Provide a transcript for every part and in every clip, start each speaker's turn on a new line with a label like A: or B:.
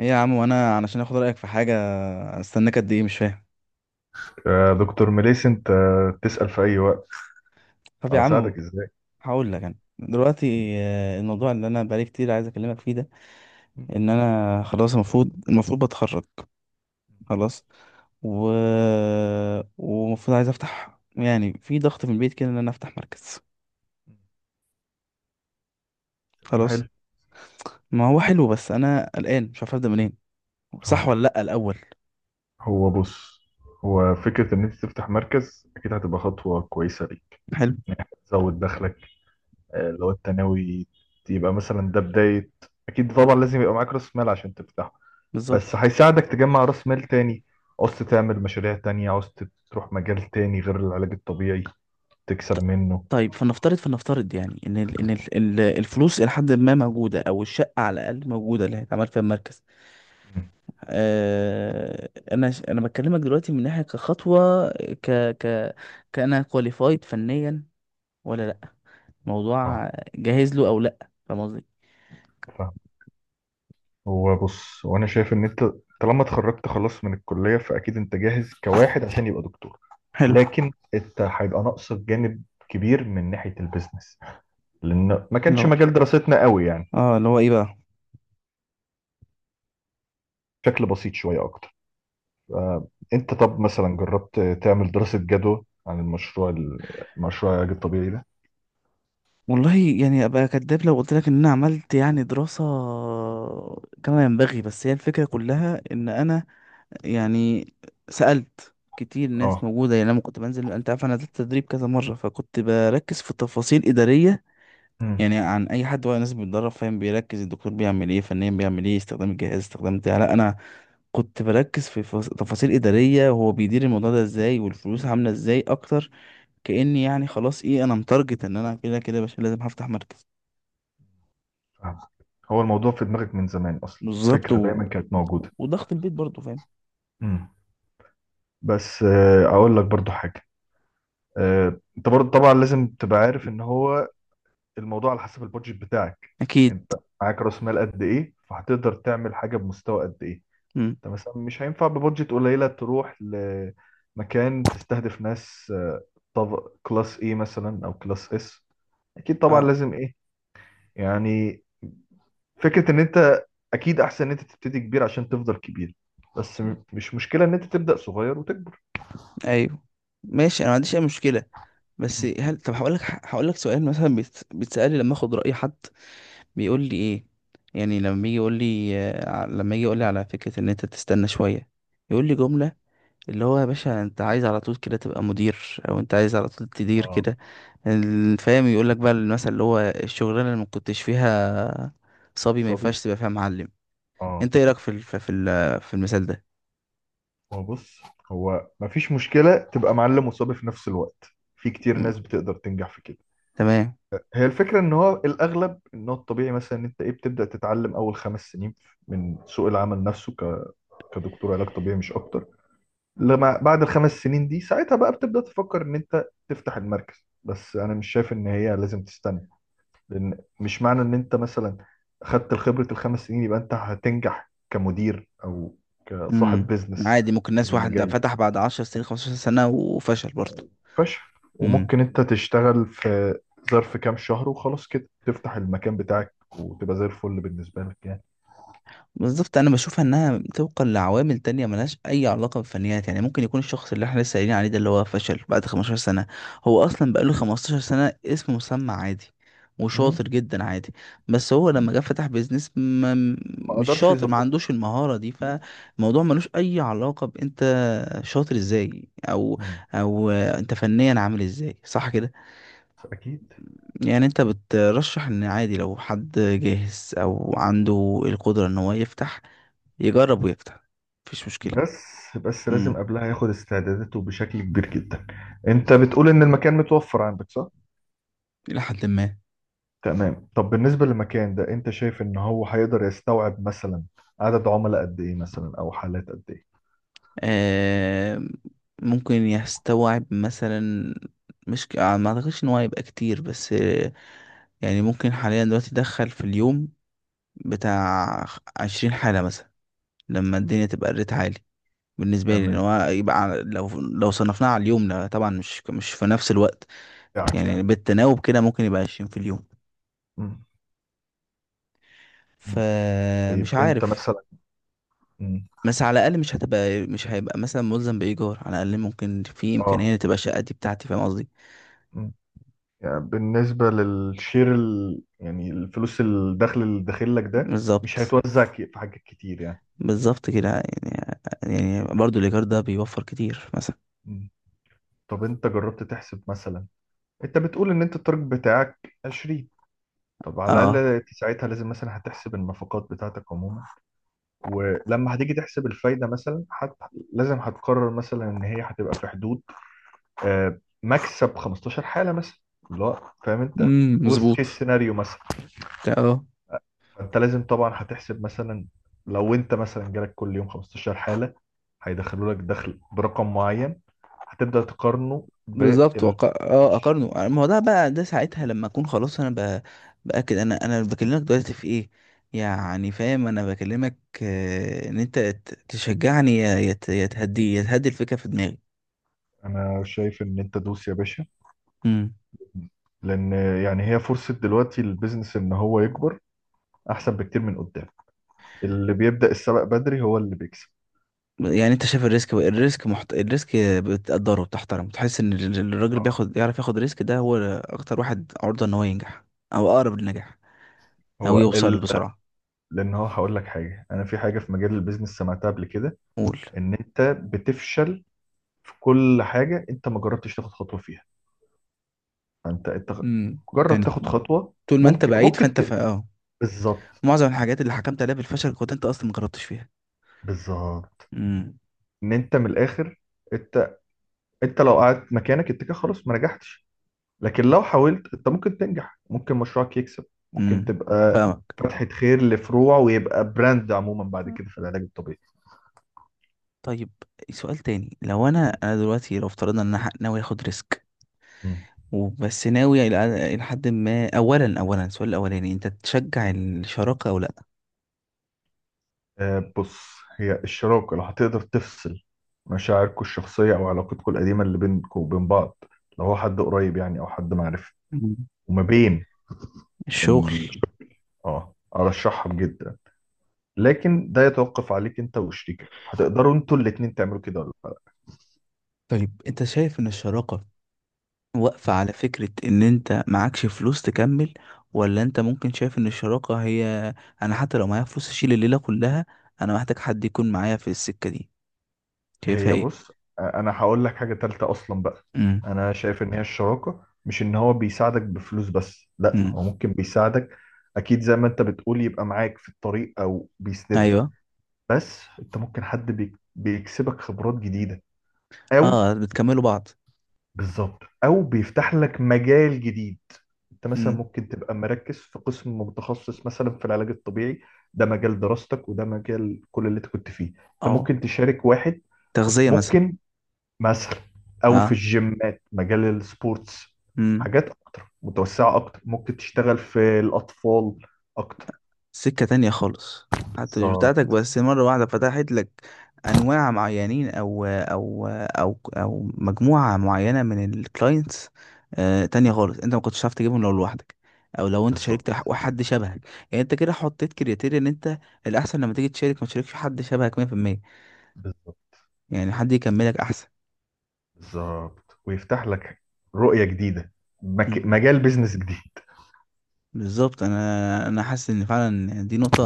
A: ايه يا عم، وانا علشان اخد رايك في حاجه استناك قد ايه، مش فاهم.
B: يا دكتور مليس، انت تسأل في اي وقت.
A: طب يا عم،
B: اساعدك ازاي؟
A: هقول لك انا دلوقتي الموضوع اللي انا بقالي كتير عايز اكلمك فيه ده، ان انا خلاص، المفروض بتخرج خلاص، و ومفروض عايز افتح، يعني في ضغط في البيت كده ان انا افتح مركز.
B: كلام
A: خلاص.
B: حلو.
A: ما هو حلو، بس انا قلقان مش عارف ابدا منين، صح
B: اه
A: ولا لا الاول؟
B: هو بص، هو فكرة ان انت تفتح مركز اكيد هتبقى خطوة كويسة ليك.
A: حلو.
B: يعني هتزود دخلك. لو انت ناوي، يبقى مثلا ده بداية. اكيد طبعا لازم يبقى معاك راس مال عشان تفتحه. بس
A: بالظبط.
B: هيساعدك تجمع راس مال تاني. عوزت تعمل مشاريع تانية، عوزت تروح مجال تاني غير العلاج الطبيعي تكسب
A: ط-
B: منه.
A: طيب، فلنفترض يعني ان الفلوس الى حد ما موجوده، او الشقه على الاقل موجوده اللي هيتعمل فيها المركز. انا بكلمك دلوقتي من ناحيه كخطوه، ك ك كأنا كواليفايد فنيا ولا لا،
B: اه
A: موضوع جاهز له او لا، فاهم قصدي؟
B: هو بص، وانا شايف ان انت طالما اتخرجت خلاص من الكليه فاكيد انت جاهز كواحد عشان يبقى دكتور.
A: حلو.
B: لكن انت هيبقى ناقصك جانب كبير من ناحيه البيزنس، لان ما
A: لا.
B: كانش مجال دراستنا قوي يعني.
A: اه، اللي هو ايه بقى؟
B: بشكل بسيط شويه اكتر. آه، انت طب مثلا جربت تعمل دراسه جدوى عن المشروع، المشروع العلاج الطبيعي ده؟
A: والله، يعني ابقى كداب لو قلت لك ان انا عملت يعني دراسة كما ينبغي، بس هي الفكرة كلها ان انا يعني سألت كتير
B: اه.
A: ناس موجودة، يعني لما كنت بنزل انت عارف انا نزلت تدريب كذا مرة، فكنت بركز في تفاصيل إدارية.
B: امم
A: يعني عن اي حد وهو ناس بيتدرب فاهم بيركز الدكتور بيعمل ايه فنيا، بيعمل ايه، استخدام الجهاز، استخدام بتاع، لا انا كنت بركز في تفاصيل إدارية، وهو بيدير الموضوع ده ازاي والفلوس عاملة ازاي اكتر، كأني يعني خلاص، ايه، انا متارجت ان انا كده كده يا باشا لازم هفتح مركز.
B: فاهم. هو الموضوع في دماغك من زمان، اصلا
A: بالظبط.
B: الفكره
A: و...
B: دايما كانت موجوده.
A: وضغط البيت برضه، فاهم.
B: امم بس اقول لك برضو حاجه. انت برضو طبعا لازم تبقى عارف ان هو الموضوع على حسب البادجت بتاعك.
A: اكيد.
B: انت معاك راس مال قد ايه فهتقدر تعمل حاجه بمستوى قد ايه.
A: مم.
B: انت مثلا مش هينفع ببادجت قليله تروح لمكان تستهدف ناس، طب كلاس ايه مثلا او كلاس اس. اكيد طبعا
A: اه.
B: لازم ايه يعني. فكره ان انت اكيد احسن ان انت تبتدي كبير عشان تفضل كبير. بس مش مشكله ان انت تبدا صغير وتكبر.
A: ايوه. ماشي، انا ما عنديش اي مشكلة. بس
B: مم.
A: هل، طب هقول لك سؤال مثلا، بيتسألي لما اخد رأي حد،
B: مم.
A: بيقول لي ايه؟ يعني لما يجي يقول لي على فكرة ان انت تستنى شوية، يقول لي جملة، اللي هو يا باشا انت عايز على طول كده تبقى مدير، او انت عايز على طول تدير
B: اه.
A: كده. فاهم، يقول لك بقى المثل، اللي هو الشغلانة اللي ما كنتش فيها صبي، ما ينفعش
B: صبي.
A: تبقى فيها معلم.
B: اه.
A: انت ايه رأيك في المثال ده؟
B: هو بص، هو مفيش مشكلة تبقى معلم وصبي في نفس الوقت. في كتير
A: مم.
B: ناس بتقدر تنجح في كده.
A: تمام.
B: هي الفكرة ان هو الاغلب ان هو الطبيعي مثلا ان انت ايه بتبدأ تتعلم اول خمس سنين من سوق العمل نفسه كدكتور علاج طبيعي مش اكتر. لما بعد الخمس سنين دي ساعتها بقى بتبدأ تفكر ان انت تفتح المركز، بس انا مش شايف ان هي لازم تستنى. لان مش معنى ان انت مثلا خدت خبرة الخمس سنين يبقى انت هتنجح كمدير او كصاحب
A: امم
B: بيزنس
A: عادي، ممكن
B: في
A: ناس، واحد
B: المجال ده
A: فتح بعد 10 سنين، 15 سنة، وفشل برضه.
B: فشخ. وممكن انت تشتغل في ظرف كام شهر وخلاص كده تفتح المكان بتاعك وتبقى زي الفل بالنسبة لك يعني.
A: بالظبط، انا بشوف انها طبقا لعوامل تانية، ملهاش اي علاقة بالفنيات، يعني ممكن يكون الشخص اللي احنا لسه قايلين عليه ده اللي هو فشل بعد 15 سنة، هو اصلا بقاله 15 سنة اسم مسمى عادي،
B: مم.
A: وشاطر جدا عادي، بس هو لما
B: مم.
A: جه فتح بيزنس ما،
B: ما
A: مش
B: اقدرش
A: شاطر ما
B: يظبط.
A: عندوش المهارة دي،
B: مم.
A: فالموضوع ملوش اي علاقة بانت شاطر ازاي، او
B: مم.
A: او انت فنيا عامل ازاي، صح كده؟
B: اكيد.
A: يعني انت بترشح ان عادي لو حد جاهز او عنده القدرة ان هو يفتح، يجرب ويفتح، مفيش مشكلة.
B: بس بس لازم
A: امم
B: قبلها ياخد استعداداته بشكل كبير جدا. انت بتقول ان المكان متوفر عندك، صح؟
A: الى حد ما.
B: تمام. طب بالنسبة للمكان ده انت شايف ان هو هيقدر يستوعب مثلا عدد عملاء قد ايه مثلا او حالات قد ايه؟
A: آه ممكن يستوعب مثلا، مش ك- آه، ما اعتقدش ان هو هيبقى كتير، بس يعني ممكن حاليا دلوقتي يدخل في اليوم بتاع 20 حالة مثلا، لما الدنيا تبقى الريت عالي. بالنسبة لي ان
B: تمام.
A: هو يبقى لو صنفناه على اليوم، لا طبعا، مش في نفس الوقت.
B: بتاعك
A: يعني
B: يعني.
A: بالتناوب كده ممكن يبقى 20 في اليوم،
B: مم. مم.
A: فمش
B: طيب انت
A: عارف.
B: مثلا. مم.
A: بس على الاقل مش هيبقى مثلا ملزم بايجار، على الاقل ممكن في
B: اه.
A: امكانيه تبقى الشقه دي بتاعتي، فاهم قصدي؟
B: يعني بالنسبة للشير يعني الفلوس الدخل اللي داخل لك ده مش
A: بالظبط.
B: هيتوزع في حاجات كتير يعني.
A: بالظبط كده، يعني برضو الايجار ده بيوفر كتير مثلا.
B: مم. طب انت جربت تحسب مثلا، انت بتقول ان انت التارجت بتاعك 20. طب على الأقل
A: اه.
B: انت ساعتها لازم مثلا هتحسب النفقات بتاعتك عموما. ولما هتيجي تحسب الفايدة مثلا لازم هتقرر مثلا ان هي هتبقى في حدود، مكسب 15 حالة مثلا، اللي هو فاهم انت، وست
A: مظبوط.
B: كيس سيناريو مثلا.
A: اه
B: فانت لازم طبعا هتحسب مثلا لو انت مثلا جالك كل يوم 15 حالة هيدخلوا لك دخل برقم معين، هتبدأ تقارنه
A: بالظبط،
B: بال.
A: وق... اه اقارنه، ما هو ده بقى، ده ساعتها لما اكون خلاص، انا باكد، انا بكلمك دلوقتي في ايه، يعني فاهم، انا بكلمك ان انت تشجعني، يا تهدي الفكره في دماغي.
B: انا شايف ان انت دوس يا باشا،
A: امم
B: لان يعني هي فرصة دلوقتي للبيزنس ان هو يكبر احسن بكتير من قدام. اللي بيبدأ السبق بدري هو اللي بيكسب.
A: يعني انت شايف الريسك، بتقدره، بتحترمه، بتحس ان الراجل،
B: آه.
A: يعرف ياخد ريسك، ده هو اكتر واحد عرضة ان هو ينجح، او اقرب للنجاح، او
B: هو
A: يوصل
B: ال...
A: بسرعة.
B: لان هو هقول لك حاجة، انا في حاجة في مجال البيزنس سمعتها قبل كده،
A: قول.
B: ان انت بتفشل في كل حاجة انت ما جربتش تاخد خطوة فيها. انت
A: امم
B: جرب
A: يعني
B: تاخد خطوه.
A: طول ما انت
B: ممكن
A: بعيد
B: ممكن
A: فانت ف... اه
B: بالظبط.
A: معظم الحاجات اللي حكمت عليها بالفشل كنت انت اصلا ما جربتش فيها.
B: بالظبط
A: امم
B: ان انت من الاخر، انت انت لو قعدت مكانك انت كده خلاص ما نجحتش. لكن لو حاولت انت ممكن تنجح، ممكن مشروعك يكسب، ممكن
A: امم
B: تبقى
A: فاهمك.
B: فتحة خير لفروع ويبقى براند عموما بعد كده في العلاج الطبيعي.
A: طيب، سؤال تاني، لو انا دلوقتي، لو افترضنا ان انا ناوي اخد ريسك،
B: مم.
A: وبس ناوي إلى حد ما. اولا، السؤال الاولاني، انت تشجع الشراكة او لا؟
B: بص، هي الشراكة لو هتقدر تفصل مشاعركم الشخصية أو علاقتكم القديمة اللي بينكم وبين بعض، لو هو حد قريب يعني أو حد معرفة،
A: مم.
B: وما بين.
A: الشغل.
B: اه، ارشحهم جدا. لكن ده يتوقف عليك انت وشريكك هتقدروا انتوا الاتنين تعملوا كده ولا لا.
A: طيب، انت شايف ان الشراكة واقفة على فكرة ان انت معكش فلوس تكمل، ولا انت ممكن شايف ان الشراكة هي، انا حتى لو معايا فلوس اشيل الليلة كلها، انا محتاج حد يكون معايا في السكة دي، شايفها
B: هي
A: ايه؟
B: بص، انا هقول لك حاجة تالتة اصلا بقى.
A: امم.
B: انا شايف ان هي الشراكة مش ان هو بيساعدك بفلوس بس، لا
A: امم.
B: هو ممكن بيساعدك اكيد زي ما انت بتقول يبقى معاك في الطريق او بيسندك،
A: ايوه.
B: بس انت ممكن حد بيكسبك خبرات جديدة، او
A: اه، بتكملوا بعض.
B: بالظبط، او بيفتح لك مجال جديد. انت مثلا
A: امم.
B: ممكن تبقى مركز في قسم متخصص مثلا في العلاج الطبيعي، ده مجال دراستك وده مجال كل اللي انت كنت فيه، انت ممكن
A: اه،
B: تشارك واحد.
A: تغذية مثلا.
B: ممكن مثلا. او في
A: اه.
B: الجيمات مجال السبورتس،
A: امم.
B: حاجات اكتر متوسعة اكتر، ممكن تشتغل في الاطفال اكتر.
A: سكة تانية خالص، حتى مش بتاعتك،
B: بالظبط.
A: بس مرة واحدة فتحت لك أنواع معينين، أو مجموعة معينة من الكلاينتس تانية خالص، أنت ما كنتش عارف تجيبهم لو لوحدك، أو لو أنت شاركت
B: بالظبط.
A: حد شبهك. يعني أنت كده حطيت كريتيريا، إن أنت الأحسن لما تيجي تشارك ما تشاركش حد شبهك 100%،
B: بالظبط.
A: يعني حد يكملك أحسن.
B: بالظبط ويفتح لك رؤية جديدة،
A: مم.
B: مجال بيزنس جديد.
A: بالظبط، أنا حاسس إن فعلا دي نقطة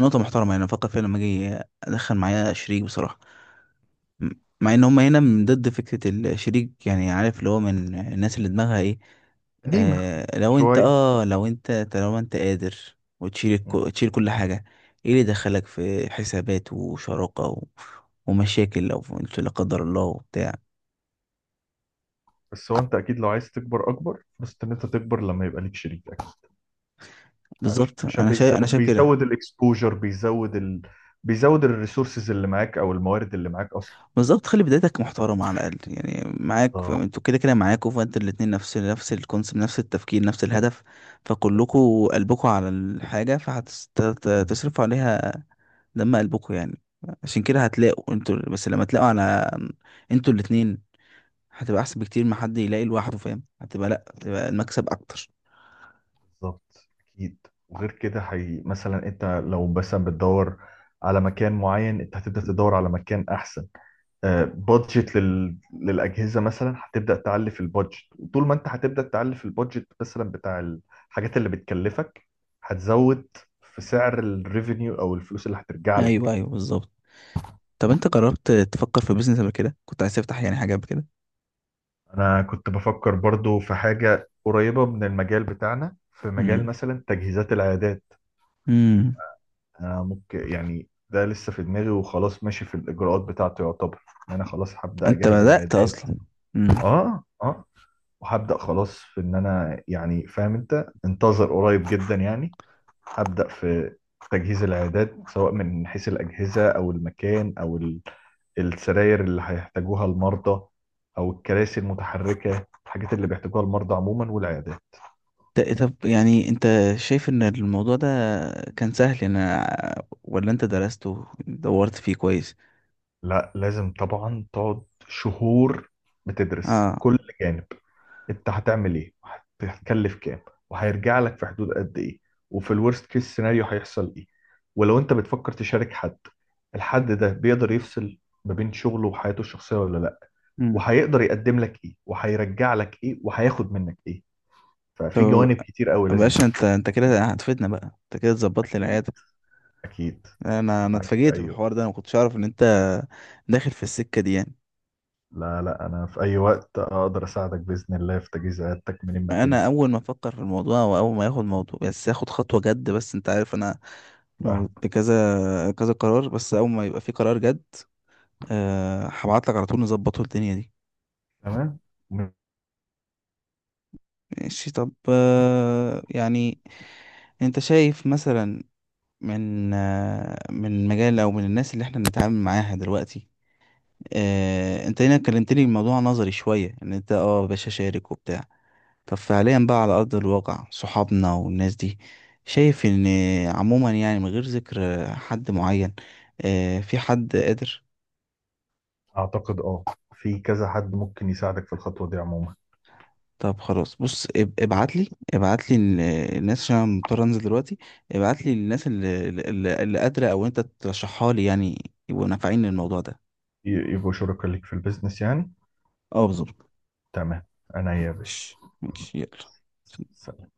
A: نقطة محترمة، يعني أفكر فيها لما أجي أدخل معايا شريك بصراحة. م- مع ان هم هنا من ضد فكرة الشريك، يعني عارف اللي هو من الناس اللي دماغها ايه.
B: قديمة شوية.
A: لو انت، طالما انت قادر وتشيل
B: مم.
A: تشيل كل حاجة، ايه اللي دخلك في حسابات وشراكة، و... ومشاكل لو انت لا قدر الله وبتاع.
B: بس هو انت اكيد لو عايز تكبر اكبر، بس ان انت تكبر لما يبقى ليك شريك.
A: بالظبط،
B: عشان
A: انا شايف كده.
B: بيزود الاكسبوجر، بيزود بيزود الريسورسز اللي معاك او الموارد اللي معاك اصلا.
A: بالظبط، خلي بدايتك محترمة على الأقل، يعني معاك،
B: بالظبط.
A: انتوا كده كده معاكوا، فانت الاتنين نفس الكونسيبت، نفس التفكير، نفس الهدف، فكلكوا قلبكوا على الحاجة فهتصرفوا عليها دم قلبكوا يعني. عشان كده هتلاقوا، انتوا بس لما تلاقوا على، انتوا الاتنين هتبقى احسن بكتير ما حد يلاقي لوحده، فاهم، لا، هتبقى المكسب اكتر.
B: بالظبط. اكيد. وغير كده مثلا انت لو مثلا بتدور على مكان معين انت هتبدا تدور على مكان احسن. آه، بادجت للاجهزه مثلا هتبدا تعلي في البادجت، وطول ما انت هتبدا تعلي في البادجت مثلا بتاع الحاجات اللي بتكلفك هتزود في سعر الريفينيو او الفلوس اللي هترجع
A: ايوه،
B: لك.
A: ايوه، بالظبط. طب انت جربت تفكر في بيزنس قبل كده، كنت عايز تفتح يعني حاجه قبل كده؟
B: انا كنت بفكر برضو في حاجة قريبة من المجال بتاعنا في مجال
A: امم.
B: مثلا تجهيزات العيادات.
A: امم.
B: انا ممكن يعني ده لسه في دماغي وخلاص ماشي في الاجراءات بتاعته، يعتبر ان انا خلاص هبدأ
A: انت
B: اجهز
A: بدأت
B: العيادات.
A: اصلا. امم
B: اه. اه. وهبدأ خلاص في ان انا يعني فاهم انت، انتظر قريب جدا يعني. هبدأ في تجهيز العيادات سواء من حيث الأجهزة أو المكان أو السراير اللي هيحتاجوها المرضى، أو الكراسي المتحركة، الحاجات اللي بيحتاجوها المرضى عموما والعيادات.
A: طب يعني، انت شايف ان الموضوع ده كان سهل انا، ولا انت درسته دورت فيه كويس؟
B: لا، لازم طبعا تقعد شهور بتدرس
A: اه.
B: كل جانب. انت هتعمل ايه هتكلف كام، وهيرجع لك في حدود قد ايه، وفي الورست كيس سيناريو هيحصل ايه. ولو انت بتفكر تشارك حد، الحد ده بيقدر يفصل ما بين شغله وحياته الشخصية ولا لا، وهيقدر يقدم لك ايه وهيرجع لك ايه وهياخد منك ايه.
A: طب
B: ففي جوانب كتير قوي
A: يا
B: لازم.
A: باشا، انت كده هتفيدنا بقى، انت كده تظبط لي
B: اكيد.
A: العياده.
B: اكيد.
A: انا
B: معاك في
A: اتفاجئت
B: اي
A: بالحوار ده،
B: وقت.
A: انا ما كنتش اعرف ان انت داخل في السكه دي يعني.
B: لا لا، انا في اي وقت اقدر اساعدك باذن الله في تجهيز عيادتك من ما تنوي.
A: انا اول ما افكر في الموضوع، واول ما ياخد موضوع بس ياخد خطوه جد، بس انت عارف انا موجود كذا كذا قرار، بس اول ما يبقى في قرار جد، أه هبعت لك على طول نظبطه الدنيا دي.
B: تمام.
A: ماشي. طب، يعني انت شايف مثلا، من مجال، او من الناس اللي احنا بنتعامل معاها دلوقتي، انت هنا كلمتني الموضوع نظري شوية ان انت يا باشا شارك وبتاع. طب فعليا بقى على ارض الواقع، صحابنا والناس دي شايف ان، عموما يعني من غير ذكر حد معين، في حد قادر؟
B: اعتقد، في كذا حد ممكن يساعدك في الخطوه دي عموما.
A: طب خلاص، بص ابعت لي الناس، عشان انا مضطر انزل دلوقتي. ابعت لي الناس اللي قادرة، او انت ترشحها لي، يعني يبقوا نافعين للموضوع ده.
B: يبقوا شركاء ليك في البيزنس يعني.
A: اه، بالظبط.
B: تمام. انا يا
A: ماشي، ماشي، يلا.
B: باشا